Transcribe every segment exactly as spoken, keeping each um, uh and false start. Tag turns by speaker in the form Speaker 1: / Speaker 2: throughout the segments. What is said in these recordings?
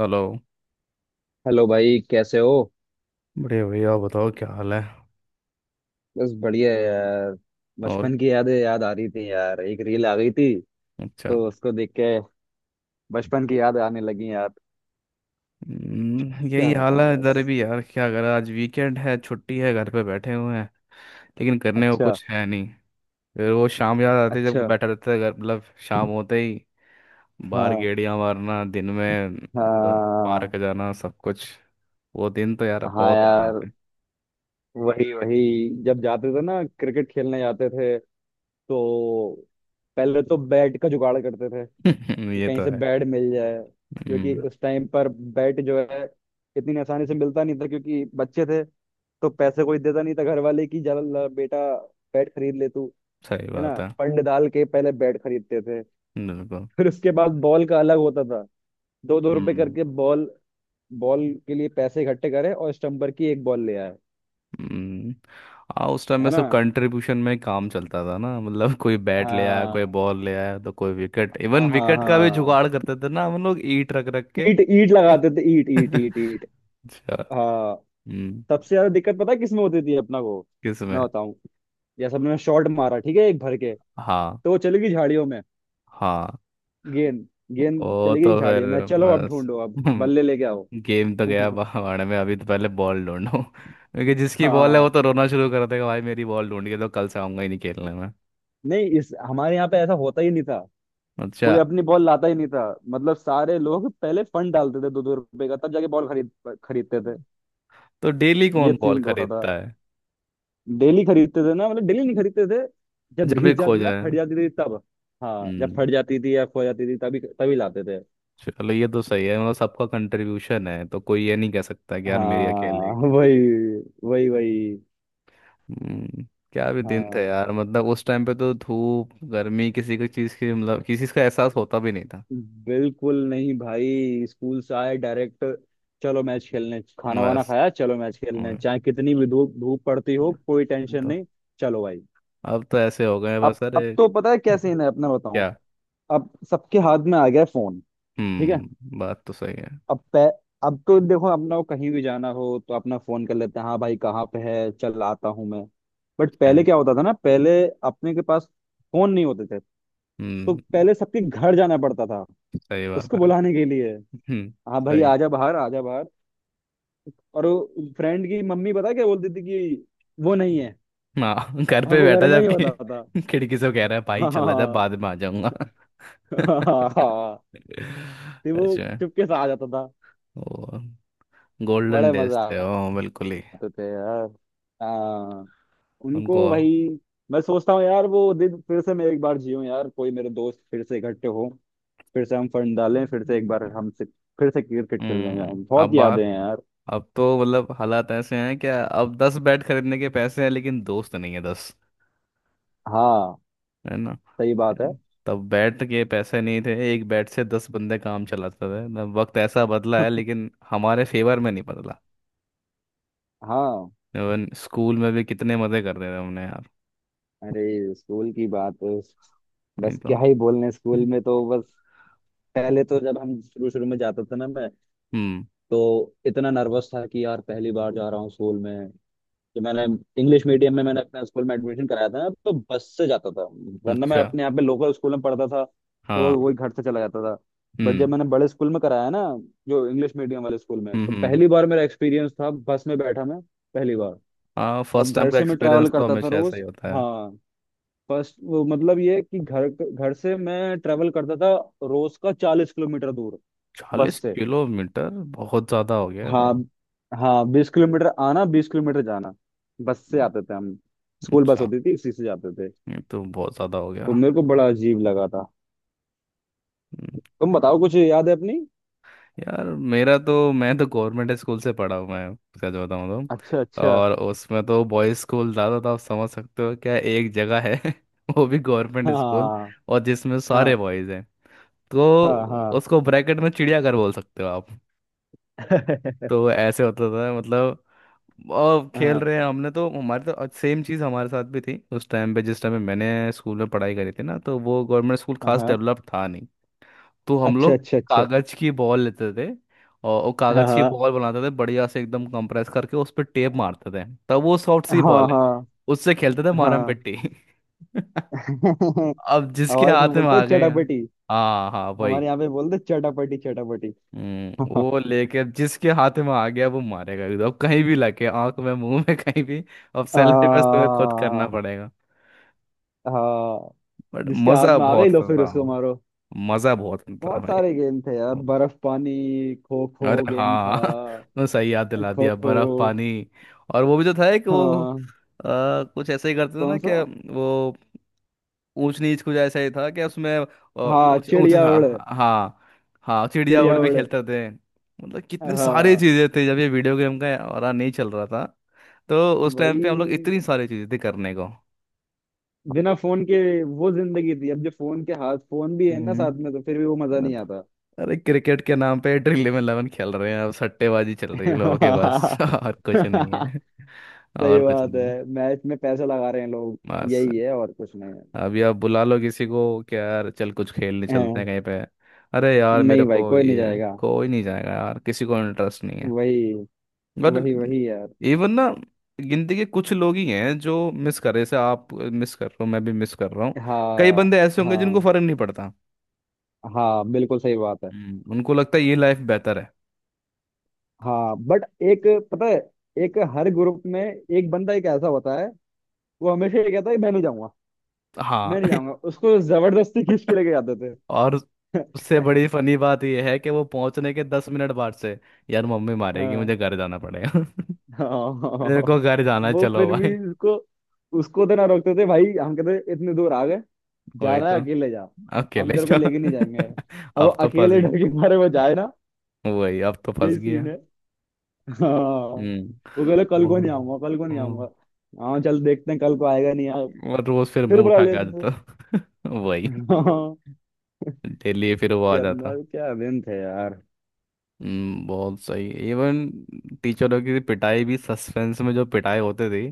Speaker 1: Hello.
Speaker 2: Hello भाई, कैसे हो?
Speaker 1: बढ़िया भैया, आप बताओ क्या हाल है।
Speaker 2: बस बढ़िया है यार।
Speaker 1: और
Speaker 2: बचपन की यादें याद आ रही थी यार। एक रील आ गई थी
Speaker 1: अच्छा।
Speaker 2: तो उसको देख के बचपन की याद आने लगी यार।
Speaker 1: हम्म, यही
Speaker 2: क्या
Speaker 1: हाल
Speaker 2: बताऊं
Speaker 1: है
Speaker 2: बस।
Speaker 1: इधर भी यार, क्या करें, आज वीकेंड है, छुट्टी है, घर पे बैठे हुए हैं। लेकिन करने को
Speaker 2: अच्छा।
Speaker 1: कुछ है नहीं। फिर वो शाम याद आती है जब
Speaker 2: अच्छा।
Speaker 1: बैठा रहता है घर मतलब। शाम होते ही बाहर
Speaker 2: हाँ,
Speaker 1: गेड़ियां मारना दिन में। ब-
Speaker 2: हाँ,
Speaker 1: पार्क जाना सब कुछ। वो दिन तो यार
Speaker 2: हाँ।
Speaker 1: बहुत याद
Speaker 2: यार
Speaker 1: आते
Speaker 2: वही वही। जब जाते थे ना क्रिकेट खेलने जाते थे, तो पहले तो बैट का जुगाड़ करते थे
Speaker 1: हैं।
Speaker 2: कि
Speaker 1: ये
Speaker 2: कहीं
Speaker 1: तो
Speaker 2: से
Speaker 1: है।
Speaker 2: बेड मिल जाए। क्योंकि
Speaker 1: हम्म।
Speaker 2: उस टाइम पर बेड जो है, इतनी आसानी से मिलता नहीं था क्योंकि बच्चे थे। तो पैसे कोई देता नहीं था घर वाले की, जा ला बेटा बैट खरीद ले तू।
Speaker 1: सही
Speaker 2: है
Speaker 1: बात
Speaker 2: ना।
Speaker 1: है।
Speaker 2: फंड डाल के पहले बैट खरीदते थे।
Speaker 1: बिल्कुल।
Speaker 2: फिर उसके बाद बॉल का अलग होता था। दो दो रुपए
Speaker 1: हम्म।
Speaker 2: करके बॉल। बॉल के लिए पैसे इकट्ठे करे और स्टम्पर की एक बॉल ले आए।
Speaker 1: हम्म, हाँ उस टाइम में
Speaker 2: है ना।
Speaker 1: सब कंट्रीब्यूशन में काम चलता था ना मतलब। कोई बैट ले आया, कोई
Speaker 2: हाँ,
Speaker 1: बॉल ले आया, तो कोई विकेट,
Speaker 2: हाँ,
Speaker 1: इवन
Speaker 2: हाँ,
Speaker 1: विकेट का भी
Speaker 2: हाँ।
Speaker 1: जुगाड़ करते थे ना हम लोग ईंट रख रख के।
Speaker 2: ईट ईट लगाते थे, ईट ईट ईट
Speaker 1: अच्छा।
Speaker 2: ईट। हाँ।
Speaker 1: हम्म।
Speaker 2: सबसे ज्यादा दिक्कत पता है किसमें होती थी अपना को? मैं
Speaker 1: किसमें?
Speaker 2: बताऊं। जैसे मैंने शॉट मारा ठीक है, एक भर के।
Speaker 1: हाँ
Speaker 2: तो वो चली गई झाड़ियों में।
Speaker 1: हाँ।
Speaker 2: गेंद। गेंद
Speaker 1: ओ
Speaker 2: चली गई
Speaker 1: तो फिर
Speaker 2: झाड़ियों में, चलो अब
Speaker 1: बस।
Speaker 2: ढूंढो, अब बल्ले लेके आओ।
Speaker 1: गेम तो गया भाड़ में, अभी तो पहले बॉल ढूंढो, क्योंकि जिसकी बॉल है
Speaker 2: हाँ।
Speaker 1: वो तो रोना शुरू कर देगा, भाई मेरी बॉल ढूंढ के, तो कल से आऊंगा ही नहीं खेलने में।
Speaker 2: नहीं, इस हमारे यहाँ पे ऐसा होता ही नहीं था।
Speaker 1: अच्छा।
Speaker 2: कोई अपनी बॉल लाता ही नहीं था। मतलब सारे लोग पहले फंड डालते थे दो दो रुपए का, तब जाके बॉल खरीद खरीदते थे।
Speaker 1: तो डेली
Speaker 2: ये
Speaker 1: कौन बॉल
Speaker 2: सीन होता था।
Speaker 1: खरीदता है?
Speaker 2: डेली खरीदते थे ना, मतलब डेली नहीं खरीदते थे। जब
Speaker 1: जब भी
Speaker 2: घिस
Speaker 1: खो
Speaker 2: जाती थी ना,
Speaker 1: जाए।
Speaker 2: फट जाती थी तब। हाँ, जब
Speaker 1: हम्म।
Speaker 2: फट जाती थी या खो जाती थी, तभी तभी लाते थे।
Speaker 1: चलो ये तो सही है मतलब सबका कंट्रीब्यूशन है, तो कोई ये नहीं कह सकता कि यार मेरी अकेले
Speaker 2: हाँ।
Speaker 1: की है।
Speaker 2: वही वही वही।
Speaker 1: हम्म। क्या भी दिन थे
Speaker 2: हाँ।
Speaker 1: यार, मतलब उस टाइम पे तो धूप, गर्मी, किसी को चीज़ की मतलब किसी चीज़ का एहसास होता भी नहीं था।
Speaker 2: बिल्कुल नहीं भाई, स्कूल से आए डायरेक्ट, चलो मैच खेलने। खाना वाना
Speaker 1: बस।
Speaker 2: खाया, चलो मैच खेलने।
Speaker 1: और-
Speaker 2: चाहे कितनी भी धूप धूप पड़ती हो, कोई टेंशन
Speaker 1: तो
Speaker 2: नहीं। चलो भाई।
Speaker 1: अब तो ऐसे हो गए
Speaker 2: अब
Speaker 1: बस। अरे
Speaker 2: अब तो पता है क्या सीन है अपना, बताऊं।
Speaker 1: क्या।
Speaker 2: अब सबके हाथ में आ गया फोन। ठीक है।
Speaker 1: हम्म, बात तो सही है।
Speaker 2: अब पै, अब तो देखो, अपना को कहीं भी जाना हो तो अपना फोन कर लेते हैं। हाँ भाई, कहाँ पे है, चल आता हूँ मैं। बट
Speaker 1: है।
Speaker 2: पहले क्या होता था ना, पहले अपने के पास फोन नहीं होते थे। तो
Speaker 1: हम्म।
Speaker 2: पहले सबके घर जाना पड़ता था
Speaker 1: सही बात
Speaker 2: उसको
Speaker 1: है।
Speaker 2: बुलाने के लिए।
Speaker 1: हम्म।
Speaker 2: हाँ भाई
Speaker 1: सही।
Speaker 2: आजा बाहर, आजा बाहर। और वो फ्रेंड की मम्मी पता है क्या बोलती थी कि वो नहीं है।
Speaker 1: हाँ घर
Speaker 2: और
Speaker 1: पे
Speaker 2: वो घर
Speaker 1: बैठा
Speaker 2: में ही
Speaker 1: जबकि
Speaker 2: होता था।
Speaker 1: खिड़की से कह रहा है भाई
Speaker 2: हाँ,
Speaker 1: चला जा,
Speaker 2: हाँ,
Speaker 1: बाद में आ जाऊंगा।
Speaker 2: हाँ। हाँ, हाँ। फिर वो
Speaker 1: अच्छा।
Speaker 2: चुपके से आ जाता था।
Speaker 1: वो गोल्डन
Speaker 2: बड़े
Speaker 1: डेज
Speaker 2: मजा
Speaker 1: थे, ओ बिल्कुल ही।
Speaker 2: आते थे यार। हाँ।
Speaker 1: उनको।
Speaker 2: उनको भाई, मैं सोचता हूँ यार, वो दिन फिर से मैं एक बार जीऊँ यार, कोई मेरे दोस्त फिर से इकट्ठे हो। फिर से हम फंड डालें, फिर से एक बार,
Speaker 1: हम्म।
Speaker 2: हम से फिर से क्रिकेट खेलने
Speaker 1: हम्म,
Speaker 2: जाएं। बहुत
Speaker 1: अब आ,
Speaker 2: यादें हैं यार।
Speaker 1: अब तो मतलब हालात ऐसे हैं क्या, अब दस बैट खरीदने के पैसे हैं लेकिन दोस्त नहीं है दस।
Speaker 2: हाँ,
Speaker 1: है ना।
Speaker 2: सही बात है।
Speaker 1: तब बैट के पैसे नहीं थे, एक बैट से दस बंदे काम चलाते थे ना। वक्त ऐसा बदला है लेकिन हमारे फेवर में नहीं बदला।
Speaker 2: हाँ।
Speaker 1: इवन स्कूल में भी कितने मजे करते थे हमने यार।
Speaker 2: अरे स्कूल की बात,
Speaker 1: नहीं
Speaker 2: बस
Speaker 1: तो।
Speaker 2: क्या ही बोलने, स्कूल में तो बस। पहले तो जब हम शुरू शुरू में जाता था ना मैं,
Speaker 1: हम्म।
Speaker 2: तो इतना नर्वस था कि यार पहली बार जा रहा हूँ स्कूल में। कि मैंने इंग्लिश मीडियम में मैंने अपने स्कूल में एडमिशन कराया था ना, तो बस से जाता था। वरना मैं
Speaker 1: अच्छा।
Speaker 2: अपने यहाँ पे लोकल स्कूल में पढ़ता था,
Speaker 1: हाँ।
Speaker 2: तो वही घर से चला जाता था। बट जब
Speaker 1: हम्म।
Speaker 2: मैंने बड़े स्कूल में कराया ना, जो इंग्लिश मीडियम वाले स्कूल में,
Speaker 1: हम्म।
Speaker 2: तो
Speaker 1: हम्म।
Speaker 2: पहली बार मेरा एक्सपीरियंस था बस में बैठा मैं। पहली बार
Speaker 1: हाँ
Speaker 2: अब
Speaker 1: फर्स्ट टाइम
Speaker 2: घर
Speaker 1: का
Speaker 2: से मैं ट्रैवल
Speaker 1: एक्सपीरियंस तो
Speaker 2: करता था
Speaker 1: हमेशा ऐसा
Speaker 2: रोज।
Speaker 1: ही होता।
Speaker 2: हाँ। फर्स्ट वो मतलब ये कि घर घर से मैं ट्रेवल करता था, रोज का चालीस किलोमीटर दूर, बस
Speaker 1: चालीस
Speaker 2: से।
Speaker 1: किलोमीटर बहुत ज़्यादा हो गया है
Speaker 2: हाँ,
Speaker 1: तो।
Speaker 2: हाँ, बीस किलोमीटर आना, बीस किलोमीटर जाना। बस से आते थे हम, स्कूल बस
Speaker 1: अच्छा।
Speaker 2: होती थी उसी से जाते थे।
Speaker 1: ये तो बहुत ज़्यादा हो
Speaker 2: तो
Speaker 1: गया।
Speaker 2: मेरे को बड़ा अजीब लगा था।
Speaker 1: हम्म,
Speaker 2: तुम बताओ कुछ याद है अपनी?
Speaker 1: यार मेरा तो, मैं तो गवर्नमेंट स्कूल से पढ़ा हूँ मैं सच बताऊँ
Speaker 2: अच्छा,
Speaker 1: तो।
Speaker 2: अच्छा।
Speaker 1: और उसमें तो बॉयज़ स्कूल ज़्यादा था आप समझ सकते हो क्या एक जगह है। वो भी गवर्नमेंट स्कूल,
Speaker 2: हाँ,
Speaker 1: और जिसमें
Speaker 2: हाँ,
Speaker 1: सारे बॉयज़ हैं। तो
Speaker 2: हाँ, हाँ।
Speaker 1: उसको ब्रैकेट में चिड़ियाघर बोल सकते हो आप। तो ऐसे होता था मतलब। और खेल
Speaker 2: हाँ,
Speaker 1: रहे हैं हमने तो, हमारे तो सेम चीज़ हमारे साथ भी थी उस टाइम पे, जिस टाइम पे मैंने स्कूल में पढ़ाई करी थी ना, तो वो गवर्नमेंट स्कूल
Speaker 2: हाँ,
Speaker 1: खास
Speaker 2: हाँ।
Speaker 1: डेवलप था नहीं। तो हम
Speaker 2: अच्छा,
Speaker 1: लोग
Speaker 2: अच्छा, अच्छा।
Speaker 1: कागज़ की बॉल लेते थे। और वो कागज़ की
Speaker 2: हाँ,
Speaker 1: बॉल बनाते थे बढ़िया से एकदम कंप्रेस करके, उस पर टेप मारते थे तब वो सॉफ्ट सी
Speaker 2: हाँ,
Speaker 1: बॉल है।
Speaker 2: हाँ,
Speaker 1: उससे खेलते थे मारम
Speaker 2: हाँ।
Speaker 1: पिट्टी।
Speaker 2: हमारे
Speaker 1: अब जिसके
Speaker 2: इसमें
Speaker 1: हाथ में
Speaker 2: बोलते
Speaker 1: आ
Speaker 2: हैं
Speaker 1: गए,
Speaker 2: चटापटी।
Speaker 1: हाँ हाँ वही।
Speaker 2: हमारे यहाँ पे बोलते हैं चटापटी चटापटी।
Speaker 1: हम्म, वो लेके जिसके हाथ में आ गया वो मारेगा एकदम, अब कहीं भी लगे, आंख में, मुंह में, कहीं भी। अब
Speaker 2: आ,
Speaker 1: सेल्फ डिफेंस तुम्हें खुद करना पड़ेगा।
Speaker 2: हाँ।
Speaker 1: बट
Speaker 2: जिसके हाथ
Speaker 1: मजा
Speaker 2: में आ गई
Speaker 1: बहुत
Speaker 2: लो,
Speaker 1: आता
Speaker 2: फिर
Speaker 1: था।
Speaker 2: उसको मारो।
Speaker 1: मजा बहुत आता था
Speaker 2: बहुत
Speaker 1: भाई।
Speaker 2: सारे गेम थे यार, बर्फ पानी, खो खो
Speaker 1: अरे
Speaker 2: गेम था।
Speaker 1: हाँ। तो सही याद दिला
Speaker 2: खो
Speaker 1: दिया,
Speaker 2: खो।
Speaker 1: बर्फ पानी। और वो भी तो था एक वो आ,
Speaker 2: हाँ।
Speaker 1: कुछ ऐसे ही करते थे ना
Speaker 2: कौन सा?
Speaker 1: क्या वो, ऊंच नीच कुछ ऐसा ही था कि उसमें अ,
Speaker 2: हाँ,
Speaker 1: ऊंच ऊंच
Speaker 2: चिड़िया
Speaker 1: था।
Speaker 2: उड़।
Speaker 1: हाँ। हाँ चिड़िया उड़
Speaker 2: चिड़िया
Speaker 1: भी
Speaker 2: उड़।
Speaker 1: खेलते थे, मतलब कितनी सारी
Speaker 2: हाँ।
Speaker 1: चीजें थी जब ये वीडियो गेम का और नहीं चल रहा था। तो उस टाइम पे हम लोग, इतनी
Speaker 2: भाई
Speaker 1: सारी चीजें थी करने को।
Speaker 2: बिना फोन के वो जिंदगी थी, अब जो फोन के हाथ, फोन भी है ना साथ
Speaker 1: हम्म,
Speaker 2: में, तो फिर भी वो मजा
Speaker 1: और-
Speaker 2: नहीं आता।
Speaker 1: अरे क्रिकेट के नाम पे ड्रिल इलेवन खेल रहे हैं, अब सट्टेबाजी चल रही है लोगों के बस। और कुछ नहीं है।
Speaker 2: सही
Speaker 1: और कुछ
Speaker 2: बात
Speaker 1: नहीं।
Speaker 2: है, मैच में पैसा लगा रहे हैं लोग।
Speaker 1: बस।
Speaker 2: यही है, और कुछ नहीं है।
Speaker 1: अभी आप बुला लो किसी को कि यार चल कुछ खेलने चलते हैं
Speaker 2: हैं।
Speaker 1: कहीं पे। अरे यार मेरे
Speaker 2: नहीं भाई,
Speaker 1: को
Speaker 2: कोई नहीं
Speaker 1: ये,
Speaker 2: जाएगा।
Speaker 1: कोई नहीं जाएगा यार, किसी को इंटरेस्ट नहीं है।
Speaker 2: वही
Speaker 1: बट
Speaker 2: वही वही यार।
Speaker 1: इवन ना, गिनती के कुछ लोग ही हैं जो मिस कर रहे जैसे आप मिस कर रहे हो, मैं भी मिस कर रहा हूँ। कई
Speaker 2: हाँ,
Speaker 1: बंदे ऐसे होंगे जिनको
Speaker 2: हाँ,
Speaker 1: फर्क नहीं पड़ता।
Speaker 2: हाँ, बिल्कुल सही बात है।
Speaker 1: हम्म, उनको लगता है ये लाइफ बेहतर है।
Speaker 2: हाँ बट एक, पता है, एक हर ग्रुप में एक बंदा, एक ऐसा होता है वो हमेशा ये कहता है, मैं नहीं जाऊंगा, मैं
Speaker 1: हाँ।
Speaker 2: नहीं जाऊंगा। उसको जबरदस्ती खींच के लेके जाते
Speaker 1: और उससे
Speaker 2: थे।
Speaker 1: बड़ी फनी बात यह है कि वो पहुंचने के दस मिनट बाद से, यार मम्मी मारेगी
Speaker 2: हाँ,
Speaker 1: मुझे, घर जाना पड़ेगा।
Speaker 2: हाँ।
Speaker 1: मेरे को घर जाना है,
Speaker 2: वो
Speaker 1: चलो
Speaker 2: फिर भी
Speaker 1: भाई।
Speaker 2: उसको उसको तो ना रोकते थे भाई। हम कहते इतने दूर आ गए, जा
Speaker 1: वही
Speaker 2: रहा है
Speaker 1: तो।
Speaker 2: अकेले जा, हम
Speaker 1: अकेले
Speaker 2: तेरे को
Speaker 1: जाओ।
Speaker 2: लेके नहीं जाएंगे। अब वो
Speaker 1: अब तो फंस
Speaker 2: अकेले
Speaker 1: गया।
Speaker 2: डर के मारे वो जाए ना।
Speaker 1: वही, अब तो फंस
Speaker 2: यही
Speaker 1: गया।
Speaker 2: सीन। हाँ।
Speaker 1: हम्म।
Speaker 2: वो कह रहे कल
Speaker 1: वो।
Speaker 2: को नहीं आऊंगा, कल को नहीं
Speaker 1: हम्म,
Speaker 2: आऊंगा। हाँ, चल देखते हैं कल को आएगा नहीं यार।
Speaker 1: और रोज फिर
Speaker 2: फिर
Speaker 1: मुंह
Speaker 2: बुला
Speaker 1: उठा के आ
Speaker 2: लेते थे।
Speaker 1: जाता। वही।
Speaker 2: हाँ।
Speaker 1: डेली फिर वो आ
Speaker 2: क्या
Speaker 1: जाता।
Speaker 2: मर क्या दिन थे यार।
Speaker 1: हम्म। बहुत सही। इवन टीचरों की पिटाई भी, सस्पेंस में जो पिटाई होते थे,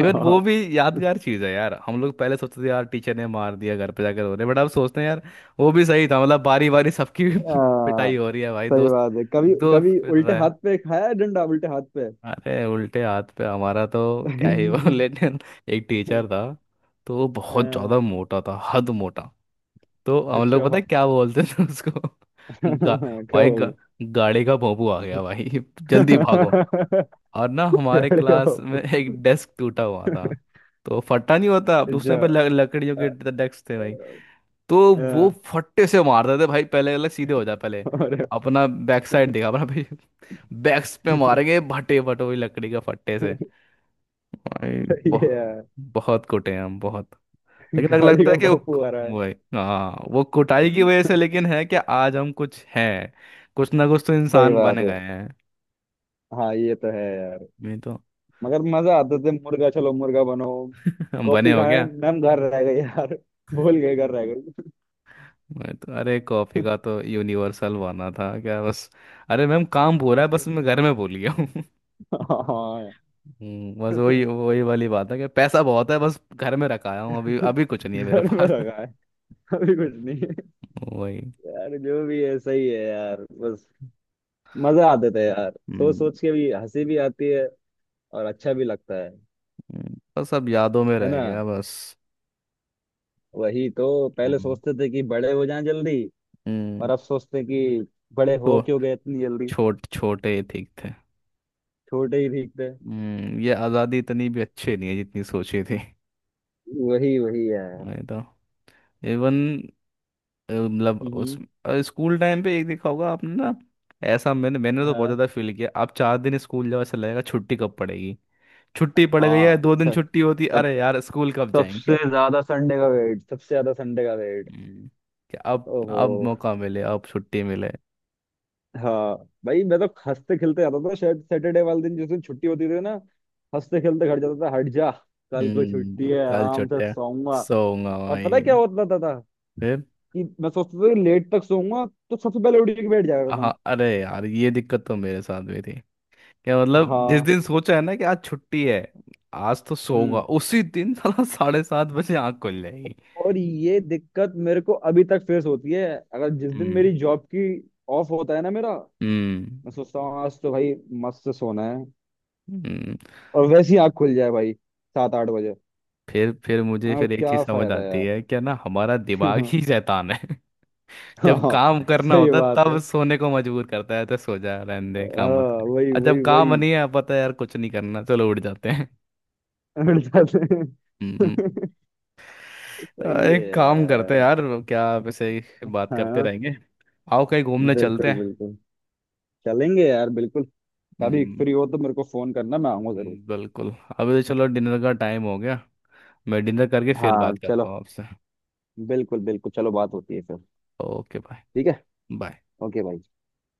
Speaker 1: इवन वो
Speaker 2: हाँ,
Speaker 1: भी यादगार चीज है यार। हम लोग पहले सोचते थे यार टीचर ने मार दिया, घर पे जाकर रो रहे, बट अब सोचते हैं यार वो भी सही था। मतलब बारी बारी सबकी
Speaker 2: हाँ।
Speaker 1: पिटाई हो रही है भाई।
Speaker 2: सही
Speaker 1: दोस्त।
Speaker 2: बात है, कभी
Speaker 1: दोस्त
Speaker 2: कभी
Speaker 1: फिर
Speaker 2: उल्टे
Speaker 1: रहे
Speaker 2: हाथ
Speaker 1: हैं।
Speaker 2: पे खाया है डंडा, उल्टे हाथ पे।
Speaker 1: अरे उल्टे हाथ पे हमारा तो क्या ही वो।
Speaker 2: हाँ।
Speaker 1: लेकिन एक टीचर था, तो वो बहुत ज़्यादा मोटा था, हद मोटा। तो हम लोग
Speaker 2: अच्छा,
Speaker 1: पता है क्या बोलते थे उसको। गा,
Speaker 2: क्या बोल, क्या
Speaker 1: भाई गा,
Speaker 2: बोल?
Speaker 1: गाड़ी का भोंपू आ गया भाई, जल्दी भागो। और ना हमारे क्लास में एक डेस्क टूटा हुआ था। तो फटा नहीं होता,
Speaker 2: अच्छा।
Speaker 1: दूसरे पे ल- लकड़ियों के
Speaker 2: अ-
Speaker 1: डेस्क थे। तो वो
Speaker 2: अ-
Speaker 1: फट्टे से मार देते भाई, पहले अलग सीधे हो जाए पहले।
Speaker 2: अरे,
Speaker 1: अपना बैक साइड देखा अपना भाई, बैक्स पे मारेंगे, भटे भटो ही लकड़ी का फट्टे से भाई।
Speaker 2: सही है
Speaker 1: बहुत।
Speaker 2: यार।
Speaker 1: बहुत कुटे हैं हम बहुत। लेकिन अगर
Speaker 2: गाड़ी
Speaker 1: लगता
Speaker 2: का
Speaker 1: है कि
Speaker 2: बापू आ रहा है।
Speaker 1: वो, वही हाँ, वो कुटाई की वजह से लेकिन है, कि आज हम कुछ हैं, कुछ ना कुछ तो
Speaker 2: सही
Speaker 1: इंसान
Speaker 2: बात
Speaker 1: बन
Speaker 2: है।
Speaker 1: गए हैं।
Speaker 2: हाँ ये तो है यार।
Speaker 1: नहीं तो।
Speaker 2: मगर मजा आता था, मुर्गा चलो मुर्गा बनो।
Speaker 1: हम बने
Speaker 2: कॉपी
Speaker 1: हो
Speaker 2: खाए
Speaker 1: क्या।
Speaker 2: मैम, घर रह गए यार। भूल गए, घर रह गए।
Speaker 1: मैं तो, अरे कॉफी का तो यूनिवर्सल बना था क्या बस। अरे मैम, काम पूरा है बस मैं घर में भूल गया।
Speaker 2: हाँ
Speaker 1: हम्म, बस वही
Speaker 2: यार।
Speaker 1: वही वाली बात है कि पैसा बहुत है बस घर में रखाया हूँ, अभी अभी कुछ नहीं है मेरे
Speaker 2: घर में
Speaker 1: पास।
Speaker 2: रखा है, अभी कुछ नहीं है।
Speaker 1: वही।
Speaker 2: यार जो भी है सही है यार बस। मजा आते थे यार। सोच
Speaker 1: हम्म।
Speaker 2: सोच के भी हंसी भी आती है, और अच्छा भी लगता है।
Speaker 1: हम्म, बस अब यादों में
Speaker 2: है
Speaker 1: रह
Speaker 2: ना।
Speaker 1: गया बस।
Speaker 2: वही तो। पहले
Speaker 1: हम्म।
Speaker 2: सोचते थे कि बड़े हो जाएं जल्दी,
Speaker 1: हम्म,
Speaker 2: और अब सोचते हैं कि बड़े
Speaker 1: तो
Speaker 2: हो क्यों गए इतनी जल्दी।
Speaker 1: छोट छोटे ठीक थे।
Speaker 2: छोटे ही ठीक थे।
Speaker 1: हम्म, ये आज़ादी इतनी भी अच्छी नहीं है जितनी सोची थी।
Speaker 2: वही वही यार।
Speaker 1: मैं तो इवन मतलब उस
Speaker 2: हम्म।
Speaker 1: अ, स्कूल टाइम पे एक देखा होगा आपने ना, ऐसा मैंने मैंने तो बहुत
Speaker 2: हाँ,
Speaker 1: ज़्यादा फील किया। आप चार दिन स्कूल जाओ, ऐसा लगेगा छुट्टी कब पड़ेगी। छुट्टी पड़ गई है,
Speaker 2: हाँ
Speaker 1: दो दिन
Speaker 2: सर।
Speaker 1: छुट्टी होती,
Speaker 2: सब,
Speaker 1: अरे यार स्कूल कब
Speaker 2: सबसे
Speaker 1: जाएंगे।
Speaker 2: ज्यादा संडे का वेट, सबसे ज्यादा संडे का वेट।
Speaker 1: हम्म, कि अब
Speaker 2: ओहो।
Speaker 1: अब मौका मिले, अब छुट्टी मिले।
Speaker 2: हाँ। भाई मैं तो हंसते खेलते जाता था शायद, सैटरडे वाले दिन, जिस दिन छुट्टी होती थी ना, हंसते खेलते घर जाता था। हट जा, कल को छुट्टी
Speaker 1: हम्म।
Speaker 2: है,
Speaker 1: कल
Speaker 2: आराम से
Speaker 1: छुट्टी है,
Speaker 2: सोऊंगा।
Speaker 1: सोऊंगा
Speaker 2: और पता है
Speaker 1: भाई।
Speaker 2: क्या होता था, था
Speaker 1: फिर।
Speaker 2: कि मैं सोचता था कि लेट तक सोऊंगा, तो सबसे पहले उठ के बैठ जाया करता
Speaker 1: हाँ
Speaker 2: मैं।
Speaker 1: अरे यार ये दिक्कत तो मेरे साथ भी थी। क्या मतलब जिस
Speaker 2: हाँ।
Speaker 1: दिन सोचा है ना कि आज छुट्टी है, आज तो सोऊंगा,
Speaker 2: हम्म।
Speaker 1: उसी दिन साला साढ़े सात बजे आँख खुल जाएगी।
Speaker 2: और ये दिक्कत मेरे को अभी तक फेस होती है। अगर जिस दिन
Speaker 1: हम्म।
Speaker 2: मेरी जॉब की ऑफ होता है ना मेरा,
Speaker 1: हम्म।
Speaker 2: मैं सोचता हूँ आज तो भाई मस्त से सोना है,
Speaker 1: हम्म,
Speaker 2: और वैसी आँख खुल जाए भाई सात आठ बजे।
Speaker 1: फिर फिर मुझे
Speaker 2: हाँ,
Speaker 1: फिर एक चीज
Speaker 2: क्या
Speaker 1: समझ
Speaker 2: फायदा
Speaker 1: आती
Speaker 2: यार।
Speaker 1: है क्या ना, हमारा दिमाग ही शैतान है। जब
Speaker 2: हाँ,
Speaker 1: काम करना
Speaker 2: सही
Speaker 1: होता
Speaker 2: बात
Speaker 1: तब
Speaker 2: है।
Speaker 1: सोने को मजबूर करता है, तो सो जा, रहने दे,
Speaker 2: हाँ,
Speaker 1: काम मत कर।
Speaker 2: वही
Speaker 1: और जब
Speaker 2: वही
Speaker 1: काम
Speaker 2: वही।
Speaker 1: नहीं है, पता है यार कुछ नहीं करना, चलो उठ जाते हैं।
Speaker 2: हट जाते हैं।
Speaker 1: हम्म, आ,
Speaker 2: सही है
Speaker 1: एक काम करते हैं
Speaker 2: यार।
Speaker 1: यार, क्या वैसे ही बात करते
Speaker 2: हाँ,
Speaker 1: रहेंगे, आओ कहीं घूमने चलते
Speaker 2: बिल्कुल
Speaker 1: हैं।
Speaker 2: बिल्कुल, चलेंगे यार, बिल्कुल। कभी
Speaker 1: हम्म,
Speaker 2: फ्री हो तो मेरे को फोन करना, मैं आऊंगा जरूर।
Speaker 1: हम्म, बिल्कुल। अभी तो चलो डिनर का टाइम हो गया। मैं डिनर करके फिर
Speaker 2: हाँ,
Speaker 1: बात करता हूँ
Speaker 2: चलो,
Speaker 1: आपसे।
Speaker 2: बिल्कुल बिल्कुल, चलो बात होती है फिर।
Speaker 1: Okay bye.
Speaker 2: ठीक है।
Speaker 1: बाय।
Speaker 2: ओके भाई।